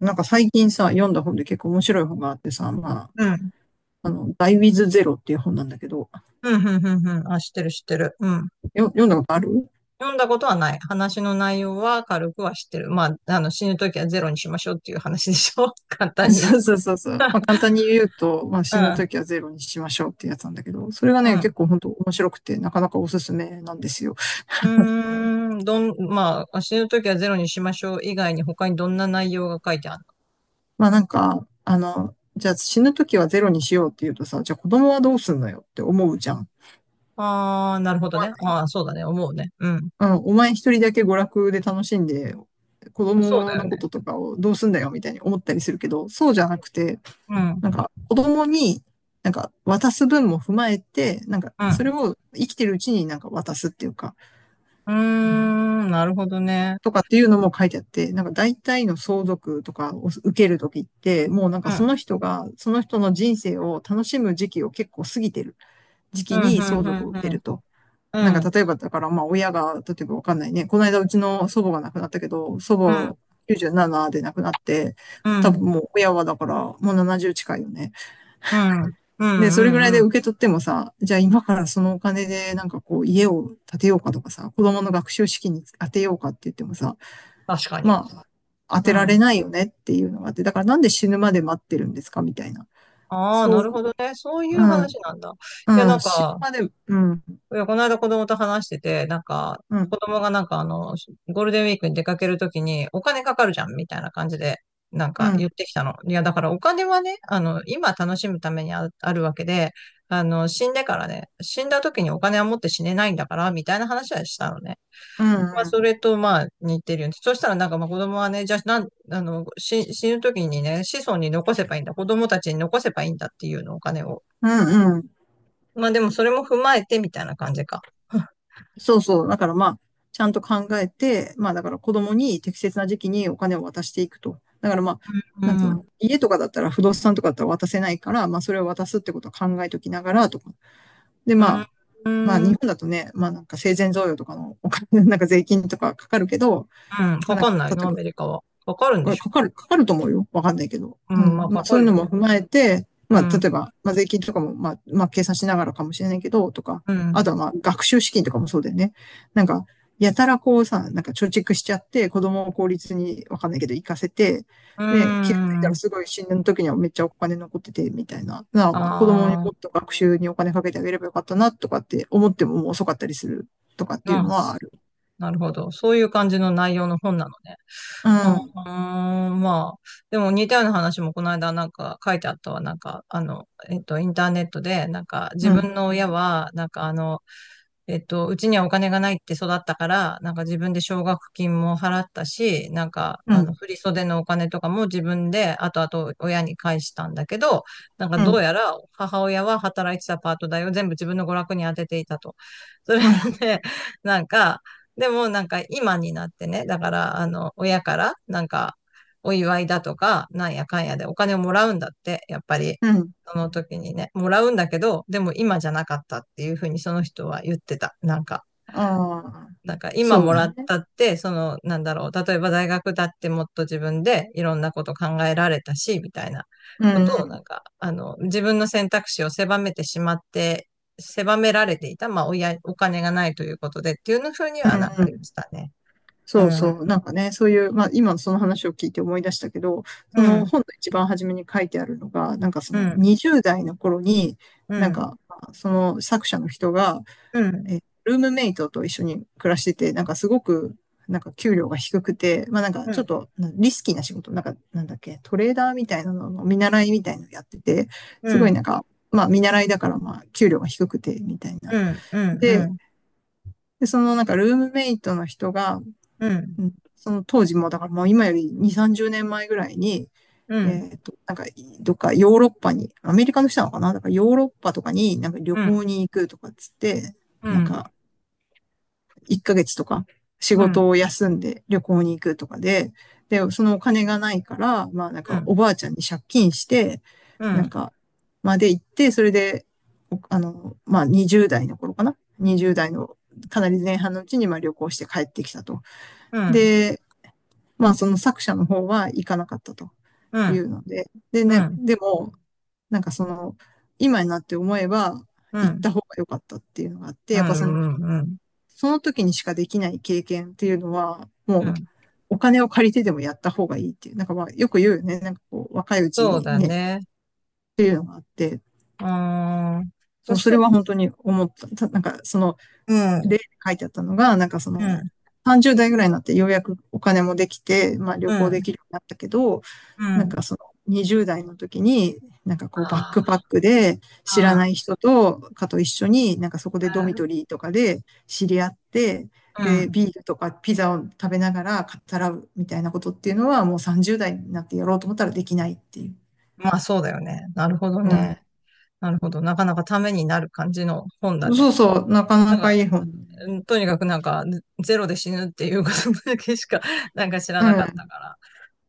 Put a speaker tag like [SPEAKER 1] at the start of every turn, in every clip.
[SPEAKER 1] なんか最近さ、読んだ本で結構面白い本があってさ、まあ、
[SPEAKER 2] うん。
[SPEAKER 1] ダイウィズゼロっていう本なんだけど、
[SPEAKER 2] うん、うん、うん、うん。あ、知ってる、知ってる。うん。
[SPEAKER 1] 読んだことある？
[SPEAKER 2] 読んだことはない。話の内容は軽くは知ってる。まあ、死ぬときはゼロにしましょうっていう話でしょ 簡 単に言え
[SPEAKER 1] そうそうそうそう。まあ簡単に言うと、まあ死ぬ
[SPEAKER 2] ば。
[SPEAKER 1] ときはゼロにしましょうってやつなんだけど、それが
[SPEAKER 2] う
[SPEAKER 1] ね、
[SPEAKER 2] ん。
[SPEAKER 1] 結構本当面白くて、なかなかおすすめなんですよ。
[SPEAKER 2] うん。うーん。まあ、死ぬときはゼロにしましょう以外に他にどんな内容が書いてある
[SPEAKER 1] まあなんか、じゃあ死ぬときはゼロにしようって言うとさ、じゃあ子供はどうすんのよって思うじゃん。思
[SPEAKER 2] の。ああー、なるほど
[SPEAKER 1] わ
[SPEAKER 2] ね。
[SPEAKER 1] ない？
[SPEAKER 2] ああ、そうだね。思うね。うん。
[SPEAKER 1] うん、お前一人だけ娯楽で楽しんで、子
[SPEAKER 2] そう
[SPEAKER 1] 供
[SPEAKER 2] だよ
[SPEAKER 1] のこ
[SPEAKER 2] ね。
[SPEAKER 1] ととかをどうすんだよみたいに思ったりするけど、そうじゃなくて、
[SPEAKER 2] うん。
[SPEAKER 1] なんか子供になんか渡す分も踏まえて、なんか
[SPEAKER 2] う
[SPEAKER 1] それ
[SPEAKER 2] ん。
[SPEAKER 1] を生きてるうちになんか渡すっていうか、
[SPEAKER 2] うーん。なるほどね。
[SPEAKER 1] とかっていうのも書いてあって、なんか大体の相続とかを受けるときって、もうなん
[SPEAKER 2] う
[SPEAKER 1] かそ
[SPEAKER 2] ん。
[SPEAKER 1] の人が、その人の人生を楽しむ時期を結構過ぎてる時
[SPEAKER 2] う
[SPEAKER 1] 期
[SPEAKER 2] ん、
[SPEAKER 1] に
[SPEAKER 2] う
[SPEAKER 1] 相
[SPEAKER 2] ん、う
[SPEAKER 1] 続を
[SPEAKER 2] ん、
[SPEAKER 1] 受け
[SPEAKER 2] うん。
[SPEAKER 1] ると。なんか
[SPEAKER 2] うん。
[SPEAKER 1] 例えばだからまあ親が、例えばわかんないね、この間うちの祖母が亡くなったけど、祖
[SPEAKER 2] う
[SPEAKER 1] 母
[SPEAKER 2] ん。
[SPEAKER 1] 97で亡くなって、
[SPEAKER 2] う
[SPEAKER 1] 多
[SPEAKER 2] ん。
[SPEAKER 1] 分もう親はだからもう70近いよね。
[SPEAKER 2] うん。う
[SPEAKER 1] で、
[SPEAKER 2] ん。
[SPEAKER 1] そ
[SPEAKER 2] う
[SPEAKER 1] れぐらい
[SPEAKER 2] ん。う
[SPEAKER 1] で
[SPEAKER 2] ん。
[SPEAKER 1] 受け取ってもさ、じゃあ今からそのお金でなんかこう家を建てようかとかさ、子供の学習資金に当てようかって言ってもさ、
[SPEAKER 2] 確かに。
[SPEAKER 1] まあ、当
[SPEAKER 2] う
[SPEAKER 1] てら
[SPEAKER 2] ん。
[SPEAKER 1] れないよねっていうのがあって、だからなんで死ぬまで待ってるんですかみたいな。
[SPEAKER 2] ああ、
[SPEAKER 1] そ
[SPEAKER 2] なる
[SPEAKER 1] う、
[SPEAKER 2] ほどね。そうい
[SPEAKER 1] う
[SPEAKER 2] う
[SPEAKER 1] ん、
[SPEAKER 2] 話なんだ。いや、
[SPEAKER 1] う
[SPEAKER 2] なん
[SPEAKER 1] ん、死ぬ
[SPEAKER 2] か、
[SPEAKER 1] まで、うん、
[SPEAKER 2] いや、この間子供と話してて、なんか、
[SPEAKER 1] うん、
[SPEAKER 2] 子供がなんかゴールデンウィークに出かけるときにお金かかるじゃん、みたいな感じで、なん
[SPEAKER 1] う
[SPEAKER 2] か
[SPEAKER 1] ん、
[SPEAKER 2] 言ってきたの。いや、だからお金はね、今楽しむためにあるわけで、死んでからね、死んだときにお金は持って死ねないんだから、みたいな話はしたのね。
[SPEAKER 1] う
[SPEAKER 2] まあ、
[SPEAKER 1] ん、う
[SPEAKER 2] そ
[SPEAKER 1] ん、
[SPEAKER 2] れと、まあ、似てるよね。そしたら、なんか、まあ、子供はね、じゃあ、なん、あの、し死ぬ時にね、子孫に残せばいいんだ。子供たちに残せばいいんだっていうの、お金を。
[SPEAKER 1] うん、うん、
[SPEAKER 2] まあでもそれも踏まえてみたいな感じか。
[SPEAKER 1] そうそう。だからまあ、ちゃんと考えて、まあだから子供に適切な時期にお金を渡していくと。だからまあ、
[SPEAKER 2] う
[SPEAKER 1] なんつう
[SPEAKER 2] ん。
[SPEAKER 1] の、
[SPEAKER 2] う
[SPEAKER 1] 家とかだったら不動産とかだったら渡せないから、まあそれを渡すってことを考えときながらとか。でま
[SPEAKER 2] ん。
[SPEAKER 1] あ、
[SPEAKER 2] う
[SPEAKER 1] まあ
[SPEAKER 2] ん。
[SPEAKER 1] 日本だとね、まあなんか生前贈与とかのお金、なんか税金とかかかるけど、
[SPEAKER 2] うん。
[SPEAKER 1] まあ
[SPEAKER 2] か
[SPEAKER 1] なん
[SPEAKER 2] か
[SPEAKER 1] か
[SPEAKER 2] んない
[SPEAKER 1] 例
[SPEAKER 2] の、
[SPEAKER 1] え
[SPEAKER 2] ア
[SPEAKER 1] ば
[SPEAKER 2] メリカは。かかるんでしょ。
[SPEAKER 1] かかると思うよ。わかんないけど。
[SPEAKER 2] う
[SPEAKER 1] う
[SPEAKER 2] ん。まあ
[SPEAKER 1] ん。ま
[SPEAKER 2] か
[SPEAKER 1] あそ
[SPEAKER 2] か
[SPEAKER 1] うい
[SPEAKER 2] る
[SPEAKER 1] うの
[SPEAKER 2] よ
[SPEAKER 1] も
[SPEAKER 2] ね。
[SPEAKER 1] 踏まえて、
[SPEAKER 2] う
[SPEAKER 1] まあ例え
[SPEAKER 2] ん。
[SPEAKER 1] ば、まあ税金とかも、まあ計算しながらかもしれないけど、とか、
[SPEAKER 2] う
[SPEAKER 1] あ
[SPEAKER 2] ん。
[SPEAKER 1] とはまあ学習資金とかもそうだよね。なんか、やたらこうさ、なんか貯蓄しちゃって、子供を公立にわかんないけど行かせて、
[SPEAKER 2] う
[SPEAKER 1] で、気がついたら
[SPEAKER 2] ん。
[SPEAKER 1] すごい死ぬ時にはめっちゃお金残ってて、みたいな。子供に
[SPEAKER 2] ああ、
[SPEAKER 1] もっと学習にお金かけてあげればよかったな、とかって思ってももう遅かったりするとかってい
[SPEAKER 2] ま
[SPEAKER 1] う
[SPEAKER 2] あ、
[SPEAKER 1] のはある。
[SPEAKER 2] なるほど。そういう感じの内容の本なのね。
[SPEAKER 1] う
[SPEAKER 2] う
[SPEAKER 1] ん、
[SPEAKER 2] ん、まあ、でも似たような話もこの間なんか書いてあったわ。なんか、インターネットで、なんか自
[SPEAKER 1] うん、
[SPEAKER 2] 分の親は、なんかうちにはお金がないって育ったから、なんか自分で奨学金も払ったし、なんか、
[SPEAKER 1] うん、
[SPEAKER 2] 振り袖のお金とかも自分で後々親に返したんだけど、なんか
[SPEAKER 1] う
[SPEAKER 2] どう
[SPEAKER 1] ん、
[SPEAKER 2] やら母親は働いてたパート代を全部自分の娯楽に当てていたと。それ
[SPEAKER 1] うん、
[SPEAKER 2] で、なんか、でもなんか今になってね、だからあの親からなんかお祝いだとか、なんやかんやでお金をもらうんだって、やっぱり
[SPEAKER 1] うん。
[SPEAKER 2] その時にね、もらうんだけど、でも今じゃなかったっていうふうにその人は言ってた。なんか、
[SPEAKER 1] ああ、
[SPEAKER 2] なんか今
[SPEAKER 1] そう
[SPEAKER 2] も
[SPEAKER 1] だ
[SPEAKER 2] らっ
[SPEAKER 1] ね。
[SPEAKER 2] たって、そのなんだろう、例えば大学だってもっと自分でいろんなこと考えられたし、みたいな
[SPEAKER 1] う
[SPEAKER 2] こ
[SPEAKER 1] ん、
[SPEAKER 2] と
[SPEAKER 1] う
[SPEAKER 2] をなん
[SPEAKER 1] ん、
[SPEAKER 2] か、自分の選択肢を狭めてしまって狭められていた、まあ、親、お金がないということでっていうふうに
[SPEAKER 1] う
[SPEAKER 2] は
[SPEAKER 1] ん
[SPEAKER 2] なんか
[SPEAKER 1] う
[SPEAKER 2] 言って
[SPEAKER 1] ん、
[SPEAKER 2] たね。う
[SPEAKER 1] そう
[SPEAKER 2] ん、う
[SPEAKER 1] そう。なんかね、そういう、まあ今その話を聞いて思い出したけど、その
[SPEAKER 2] ん、
[SPEAKER 1] 本の一番初めに書いてあるのが、なんかそ
[SPEAKER 2] う
[SPEAKER 1] の
[SPEAKER 2] ん、
[SPEAKER 1] 20代の頃に、
[SPEAKER 2] う
[SPEAKER 1] なん
[SPEAKER 2] ん、
[SPEAKER 1] かその作者の人が、
[SPEAKER 2] うん、
[SPEAKER 1] ルームメイトと一緒に暮らしてて、なんかすごく、なんか給料が低くて、まあなんか
[SPEAKER 2] うん、
[SPEAKER 1] ち
[SPEAKER 2] う
[SPEAKER 1] ょっ
[SPEAKER 2] ん、
[SPEAKER 1] とリスキーな仕事、なんかなんだっけ、トレーダーみたいなのの見習いみたいなのやってて、
[SPEAKER 2] う
[SPEAKER 1] すごい
[SPEAKER 2] ん、
[SPEAKER 1] なんか、まあ見習いだからまあ給料が低くてみたいな。
[SPEAKER 2] うん、うん、う
[SPEAKER 1] で、
[SPEAKER 2] ん、
[SPEAKER 1] そのなんかルームメイトの人が、
[SPEAKER 2] うん、うん、
[SPEAKER 1] うん、その当時も、だからもう今より2、30年前ぐらいに、
[SPEAKER 2] うん、
[SPEAKER 1] なんか、どっかヨーロッパに、アメリカの人なのかなだからヨーロッパとかになんか旅
[SPEAKER 2] うん、
[SPEAKER 1] 行に行くとかっつって、
[SPEAKER 2] う
[SPEAKER 1] なん
[SPEAKER 2] ん、
[SPEAKER 1] か、1ヶ月とか仕
[SPEAKER 2] う
[SPEAKER 1] 事
[SPEAKER 2] ん、
[SPEAKER 1] を休んで旅行に行くとかで、で、そのお金がないから、まあなん
[SPEAKER 2] う
[SPEAKER 1] かお
[SPEAKER 2] ん、
[SPEAKER 1] ばあちゃんに借金して、
[SPEAKER 2] う
[SPEAKER 1] なん
[SPEAKER 2] ん、
[SPEAKER 1] か、まあで行って、それで、まあ20代の頃かな？ 20 代のかなり前半のうちにまあ旅行して帰ってきたと。
[SPEAKER 2] うん、
[SPEAKER 1] で、まあその作者の方は行かなかったと
[SPEAKER 2] う
[SPEAKER 1] いう
[SPEAKER 2] ん、
[SPEAKER 1] ので、でね、でも、なんかその、今になって思えば行った方が良かったっていうのがあって、
[SPEAKER 2] う
[SPEAKER 1] やっぱその
[SPEAKER 2] ん、
[SPEAKER 1] その時にしかできない経験っていうのは、
[SPEAKER 2] う
[SPEAKER 1] もう、
[SPEAKER 2] ん、
[SPEAKER 1] お金を借りてでもやった方がいいっていう、なんかまあ、よく言うよね。なんかこう、若いうち
[SPEAKER 2] そう
[SPEAKER 1] に
[SPEAKER 2] だ
[SPEAKER 1] ね、っ
[SPEAKER 2] ね。
[SPEAKER 1] ていうのがあって、
[SPEAKER 2] うー
[SPEAKER 1] そ
[SPEAKER 2] ん、
[SPEAKER 1] う、そ
[SPEAKER 2] そ
[SPEAKER 1] れ
[SPEAKER 2] う、
[SPEAKER 1] は本当に思った。なんか、その、
[SPEAKER 2] う
[SPEAKER 1] 例
[SPEAKER 2] ん、
[SPEAKER 1] で書いてあったのが、なんかそ
[SPEAKER 2] う
[SPEAKER 1] の、
[SPEAKER 2] ん、
[SPEAKER 1] 30代ぐらいになってようやくお金もできて、まあ
[SPEAKER 2] う
[SPEAKER 1] 旅行
[SPEAKER 2] ん、
[SPEAKER 1] できるようになったけど、
[SPEAKER 2] う
[SPEAKER 1] なん
[SPEAKER 2] ん、
[SPEAKER 1] かその20代の時に、なんかこうバッ
[SPEAKER 2] あ
[SPEAKER 1] クパックで知らな
[SPEAKER 2] あ、
[SPEAKER 1] い人とかと一緒に、なんかそこでドミトリーとかで知り合って、
[SPEAKER 2] うん、う
[SPEAKER 1] で、
[SPEAKER 2] ん、
[SPEAKER 1] ビールとかピザを食べながら語らうみたいなことっていうのはもう30代になってやろうと思ったらできないっていう。
[SPEAKER 2] まあそうだよね。なるほど
[SPEAKER 1] う
[SPEAKER 2] ね。
[SPEAKER 1] ん。
[SPEAKER 2] なるほど。なかなかためになる感じの本だ
[SPEAKER 1] そ
[SPEAKER 2] ね。
[SPEAKER 1] うそう、なか
[SPEAKER 2] なん
[SPEAKER 1] なか
[SPEAKER 2] か。
[SPEAKER 1] いい本。
[SPEAKER 2] うん。とにかくなんか、ゼロで死ぬっていうことだけしか、なんか知ら
[SPEAKER 1] う
[SPEAKER 2] なかった
[SPEAKER 1] ん、
[SPEAKER 2] から、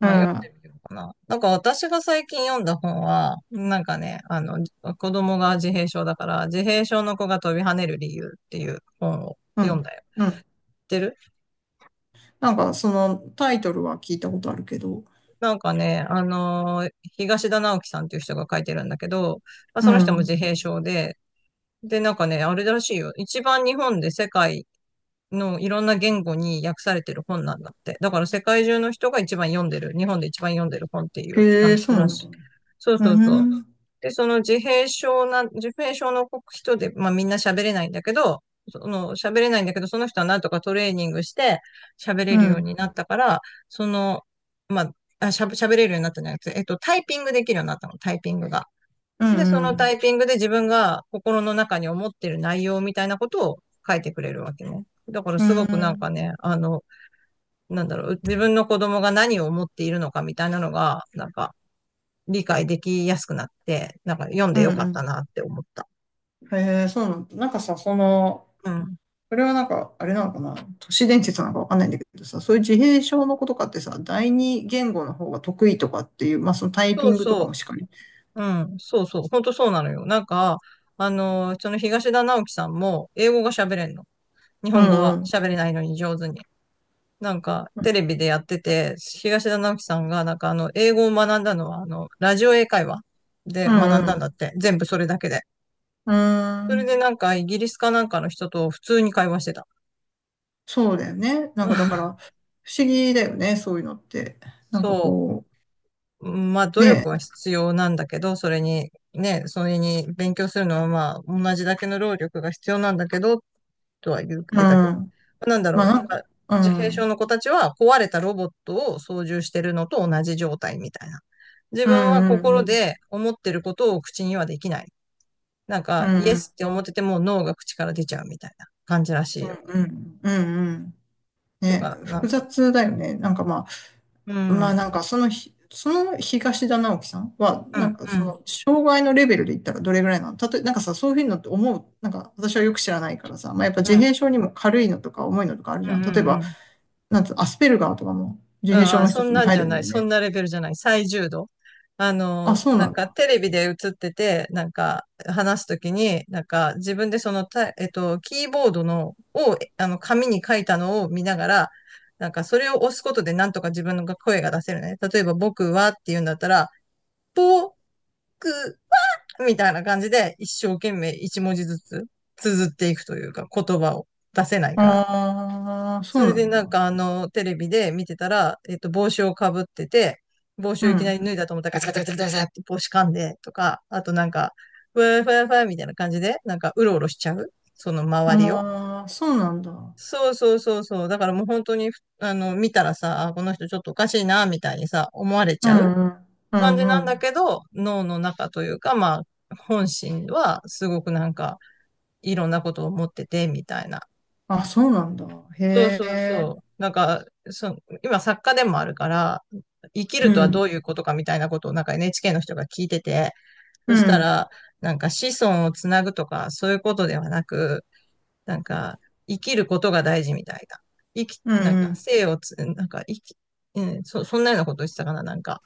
[SPEAKER 1] う
[SPEAKER 2] あ読ん
[SPEAKER 1] ん、
[SPEAKER 2] でみようかな。なんか私が最近読んだ本は、なんかね、子供が自閉症だから、自閉症の子が飛び跳ねる理由っていう本を
[SPEAKER 1] う
[SPEAKER 2] 読ん
[SPEAKER 1] ん、
[SPEAKER 2] だよ。知
[SPEAKER 1] うん。
[SPEAKER 2] ってる？
[SPEAKER 1] なんか、そのタイトルは聞いたことあるけど。
[SPEAKER 2] なんかね、東田直樹さんっていう人が書いてるんだけど、まあ、
[SPEAKER 1] う
[SPEAKER 2] その人も自
[SPEAKER 1] ん。
[SPEAKER 2] 閉症で、なんかね、あれらしいよ。一番日本で世界のいろんな言語に訳されてる本なんだって。だから世界中の人が一番読んでる、日本で一番読んでる本っていう
[SPEAKER 1] へえ、
[SPEAKER 2] 感じ
[SPEAKER 1] そうな
[SPEAKER 2] ら
[SPEAKER 1] ん
[SPEAKER 2] し
[SPEAKER 1] だ。
[SPEAKER 2] い。そう
[SPEAKER 1] う
[SPEAKER 2] そうそう。
[SPEAKER 1] ん。
[SPEAKER 2] で、自閉症の人で、まあみんな喋れないんだけど、その喋れないんだけど、その人はなんとかトレーニングして喋れ
[SPEAKER 1] う
[SPEAKER 2] るよう
[SPEAKER 1] ん。
[SPEAKER 2] になったから、その、まあ、喋れるようになったんじゃなくて、タイピングできるようになったの、タイピングが。
[SPEAKER 1] う
[SPEAKER 2] で、そ
[SPEAKER 1] ん。う
[SPEAKER 2] のタ
[SPEAKER 1] ん。
[SPEAKER 2] イピングで自分が心の中に思ってる内容みたいなことを書いてくれるわけね。だから
[SPEAKER 1] う
[SPEAKER 2] すごくなん
[SPEAKER 1] ん。
[SPEAKER 2] かね、なんだろう、自分の子供が何を思っているのかみたいなのが、なんか理解できやすくなって、なんか読ん
[SPEAKER 1] う
[SPEAKER 2] で
[SPEAKER 1] ん
[SPEAKER 2] よかった
[SPEAKER 1] う
[SPEAKER 2] なって思った。
[SPEAKER 1] ん、へえ、そうなんだ。なんかさ、その、
[SPEAKER 2] うん。
[SPEAKER 1] それはなんか、あれなのかな。都市伝説なのかわかんないんだけどさ、そういう自閉症の子とかってさ、第二言語の方が得意とかっていう、まあそのタイピ
[SPEAKER 2] そう
[SPEAKER 1] ングとかも
[SPEAKER 2] そ
[SPEAKER 1] しかり。
[SPEAKER 2] う。うん。そうそう。本当そうなのよ。なんか、その東田直樹さんも英語が喋れんの。日
[SPEAKER 1] う
[SPEAKER 2] 本語
[SPEAKER 1] んう
[SPEAKER 2] は
[SPEAKER 1] ん。
[SPEAKER 2] 喋れないのに上手に。なんか、テレビでやってて、東田直樹さんが、なんか英語を学んだのは、ラジオ英会話で
[SPEAKER 1] う
[SPEAKER 2] 学
[SPEAKER 1] んう
[SPEAKER 2] んだんだっ
[SPEAKER 1] ん。
[SPEAKER 2] て。全部それだけで。
[SPEAKER 1] うー
[SPEAKER 2] それで
[SPEAKER 1] ん。
[SPEAKER 2] なんか、イギリスかなんかの人と普通に会話してた。
[SPEAKER 1] そうだよね。なんかだから、不思議だよね、そういうのって。なんか
[SPEAKER 2] そ
[SPEAKER 1] こ
[SPEAKER 2] う。まあ、
[SPEAKER 1] う、
[SPEAKER 2] 努
[SPEAKER 1] ね
[SPEAKER 2] 力は
[SPEAKER 1] え。
[SPEAKER 2] 必要なんだけど、それに、ね、それに勉強するのはまあ、同じだけの労力が必要なんだけどっとは言っ
[SPEAKER 1] うん。
[SPEAKER 2] てたけど。なんだろ
[SPEAKER 1] ま
[SPEAKER 2] う。
[SPEAKER 1] あなん
[SPEAKER 2] ま
[SPEAKER 1] か、
[SPEAKER 2] あ
[SPEAKER 1] う
[SPEAKER 2] 自閉症
[SPEAKER 1] ん。
[SPEAKER 2] の子たちは壊れたロボットを操縦してるのと同じ状態みたいな。自
[SPEAKER 1] うん
[SPEAKER 2] 分は
[SPEAKER 1] うんう
[SPEAKER 2] 心
[SPEAKER 1] ん。
[SPEAKER 2] で思ってることを口にはできない。なん
[SPEAKER 1] う
[SPEAKER 2] か、イエ
[SPEAKER 1] ん
[SPEAKER 2] スって思ってても脳が口から出ちゃうみたいな感じらし
[SPEAKER 1] う
[SPEAKER 2] い
[SPEAKER 1] ん
[SPEAKER 2] よ。
[SPEAKER 1] うんうんうん。
[SPEAKER 2] と
[SPEAKER 1] ね、
[SPEAKER 2] か、なん
[SPEAKER 1] 複
[SPEAKER 2] か、
[SPEAKER 1] 雑だよね。なんかま
[SPEAKER 2] う
[SPEAKER 1] あ、
[SPEAKER 2] ん、う
[SPEAKER 1] まあ
[SPEAKER 2] ん、
[SPEAKER 1] なんかそその東田直樹さんは、
[SPEAKER 2] う
[SPEAKER 1] なん
[SPEAKER 2] ん、
[SPEAKER 1] か
[SPEAKER 2] う
[SPEAKER 1] そ
[SPEAKER 2] ん、
[SPEAKER 1] の、障害のレベルで言ったらどれぐらいなの？例え、なんかさ、そういうのって思う、なんか私はよく知らないからさ、まあやっぱ
[SPEAKER 2] う
[SPEAKER 1] 自
[SPEAKER 2] ん、
[SPEAKER 1] 閉症にも軽いのとか重いのとかあるじ
[SPEAKER 2] うん、
[SPEAKER 1] ゃん。
[SPEAKER 2] う
[SPEAKER 1] 例えば、
[SPEAKER 2] ん。
[SPEAKER 1] なんつう、アスペルガーとかも自
[SPEAKER 2] うん、
[SPEAKER 1] 閉症
[SPEAKER 2] あ、
[SPEAKER 1] の
[SPEAKER 2] そ
[SPEAKER 1] 一
[SPEAKER 2] ん
[SPEAKER 1] つに
[SPEAKER 2] なんじ
[SPEAKER 1] 入
[SPEAKER 2] ゃ
[SPEAKER 1] るん
[SPEAKER 2] な
[SPEAKER 1] だ
[SPEAKER 2] い。
[SPEAKER 1] よ
[SPEAKER 2] そん
[SPEAKER 1] ね。
[SPEAKER 2] なレベルじゃない。最重度。
[SPEAKER 1] あ、そう
[SPEAKER 2] なん
[SPEAKER 1] なん
[SPEAKER 2] か
[SPEAKER 1] だ。
[SPEAKER 2] テレビで映ってて、なんか話すときに、なんか自分でそのタイ、えっと、キーボードの、を、えあの、紙に書いたのを見ながら、なんかそれを押すことでなんとか自分の声が出せるね。例えば僕はって言うんだったら、僕はみたいな感じで一生懸命一文字ずつ綴っていくというか言葉を出せないから。
[SPEAKER 1] ああ、そ
[SPEAKER 2] そ
[SPEAKER 1] う
[SPEAKER 2] れ
[SPEAKER 1] な
[SPEAKER 2] で
[SPEAKER 1] ん
[SPEAKER 2] なん
[SPEAKER 1] だ。
[SPEAKER 2] かテレビで見てたら、帽子をかぶってて、帽子
[SPEAKER 1] う
[SPEAKER 2] をいきなり
[SPEAKER 1] ん。
[SPEAKER 2] 脱いだと思ったらガチャガチャガチャガチャって帽子噛んでとか、あとなんか、ふわふわふわみたいな感じで、なんかうろうろしちゃうその周りを。
[SPEAKER 1] ああ、そうなんだ。
[SPEAKER 2] そうそうそうそう。だからもう本当に、見たらさ、あこの人ちょっとおかしいな、みたいにさ、思われ
[SPEAKER 1] う
[SPEAKER 2] ちゃう
[SPEAKER 1] んうん。う
[SPEAKER 2] 感
[SPEAKER 1] ん
[SPEAKER 2] じ
[SPEAKER 1] う
[SPEAKER 2] なんだ
[SPEAKER 1] ん。
[SPEAKER 2] けど、脳の中というか、まあ、本心はすごくなんか、いろんなことを思ってて、みたいな。
[SPEAKER 1] あ、そうなんだ。へ
[SPEAKER 2] そうそうそ
[SPEAKER 1] え。
[SPEAKER 2] う。なんか、そ今作家でもあるから、生き
[SPEAKER 1] う
[SPEAKER 2] るとはど
[SPEAKER 1] ん。
[SPEAKER 2] ういうことかみたいなことをなんか NHK の人が聞いてて、
[SPEAKER 1] う
[SPEAKER 2] そした
[SPEAKER 1] ん。
[SPEAKER 2] ら、なんか子孫をつなぐとか、そういうことではなく、なんか、生きることが大事みたいな。生き、
[SPEAKER 1] う
[SPEAKER 2] なん
[SPEAKER 1] んう
[SPEAKER 2] か、
[SPEAKER 1] ん。
[SPEAKER 2] 生をつ、なんか、生き、うん、そんなようなことを言ってたかな、なんか。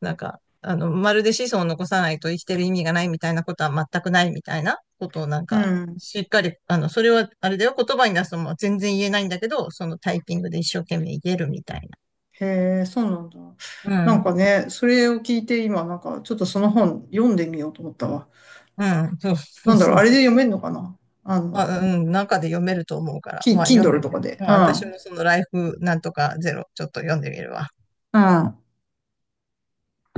[SPEAKER 2] なんか、まるで子孫を残さないと生きてる意味がないみたいなことは全くないみたいなことをなん
[SPEAKER 1] う
[SPEAKER 2] か、
[SPEAKER 1] ん。
[SPEAKER 2] しっかり、それは、あれだよ、言葉に出すのも全然言えないんだけど、そのタイピングで一生懸命言えるみたいな。
[SPEAKER 1] へえ、そうなんだ。
[SPEAKER 2] う
[SPEAKER 1] なん
[SPEAKER 2] ん。
[SPEAKER 1] かね、それを聞いて今、なんかちょっとその本読んでみようと思ったわ。
[SPEAKER 2] うん。そうそ
[SPEAKER 1] な
[SPEAKER 2] う
[SPEAKER 1] んだ
[SPEAKER 2] そ
[SPEAKER 1] ろう、
[SPEAKER 2] う
[SPEAKER 1] あれ
[SPEAKER 2] そ
[SPEAKER 1] で
[SPEAKER 2] う。
[SPEAKER 1] 読めるのかな？あの、
[SPEAKER 2] あ、うん。中で読めると思うから、まあ読んで
[SPEAKER 1] Kindle
[SPEAKER 2] み
[SPEAKER 1] とか
[SPEAKER 2] る。
[SPEAKER 1] で。
[SPEAKER 2] もう
[SPEAKER 1] う
[SPEAKER 2] 私も
[SPEAKER 1] ん。
[SPEAKER 2] そのライフなんとかゼロ、ちょっと読んでみるわ。
[SPEAKER 1] うん。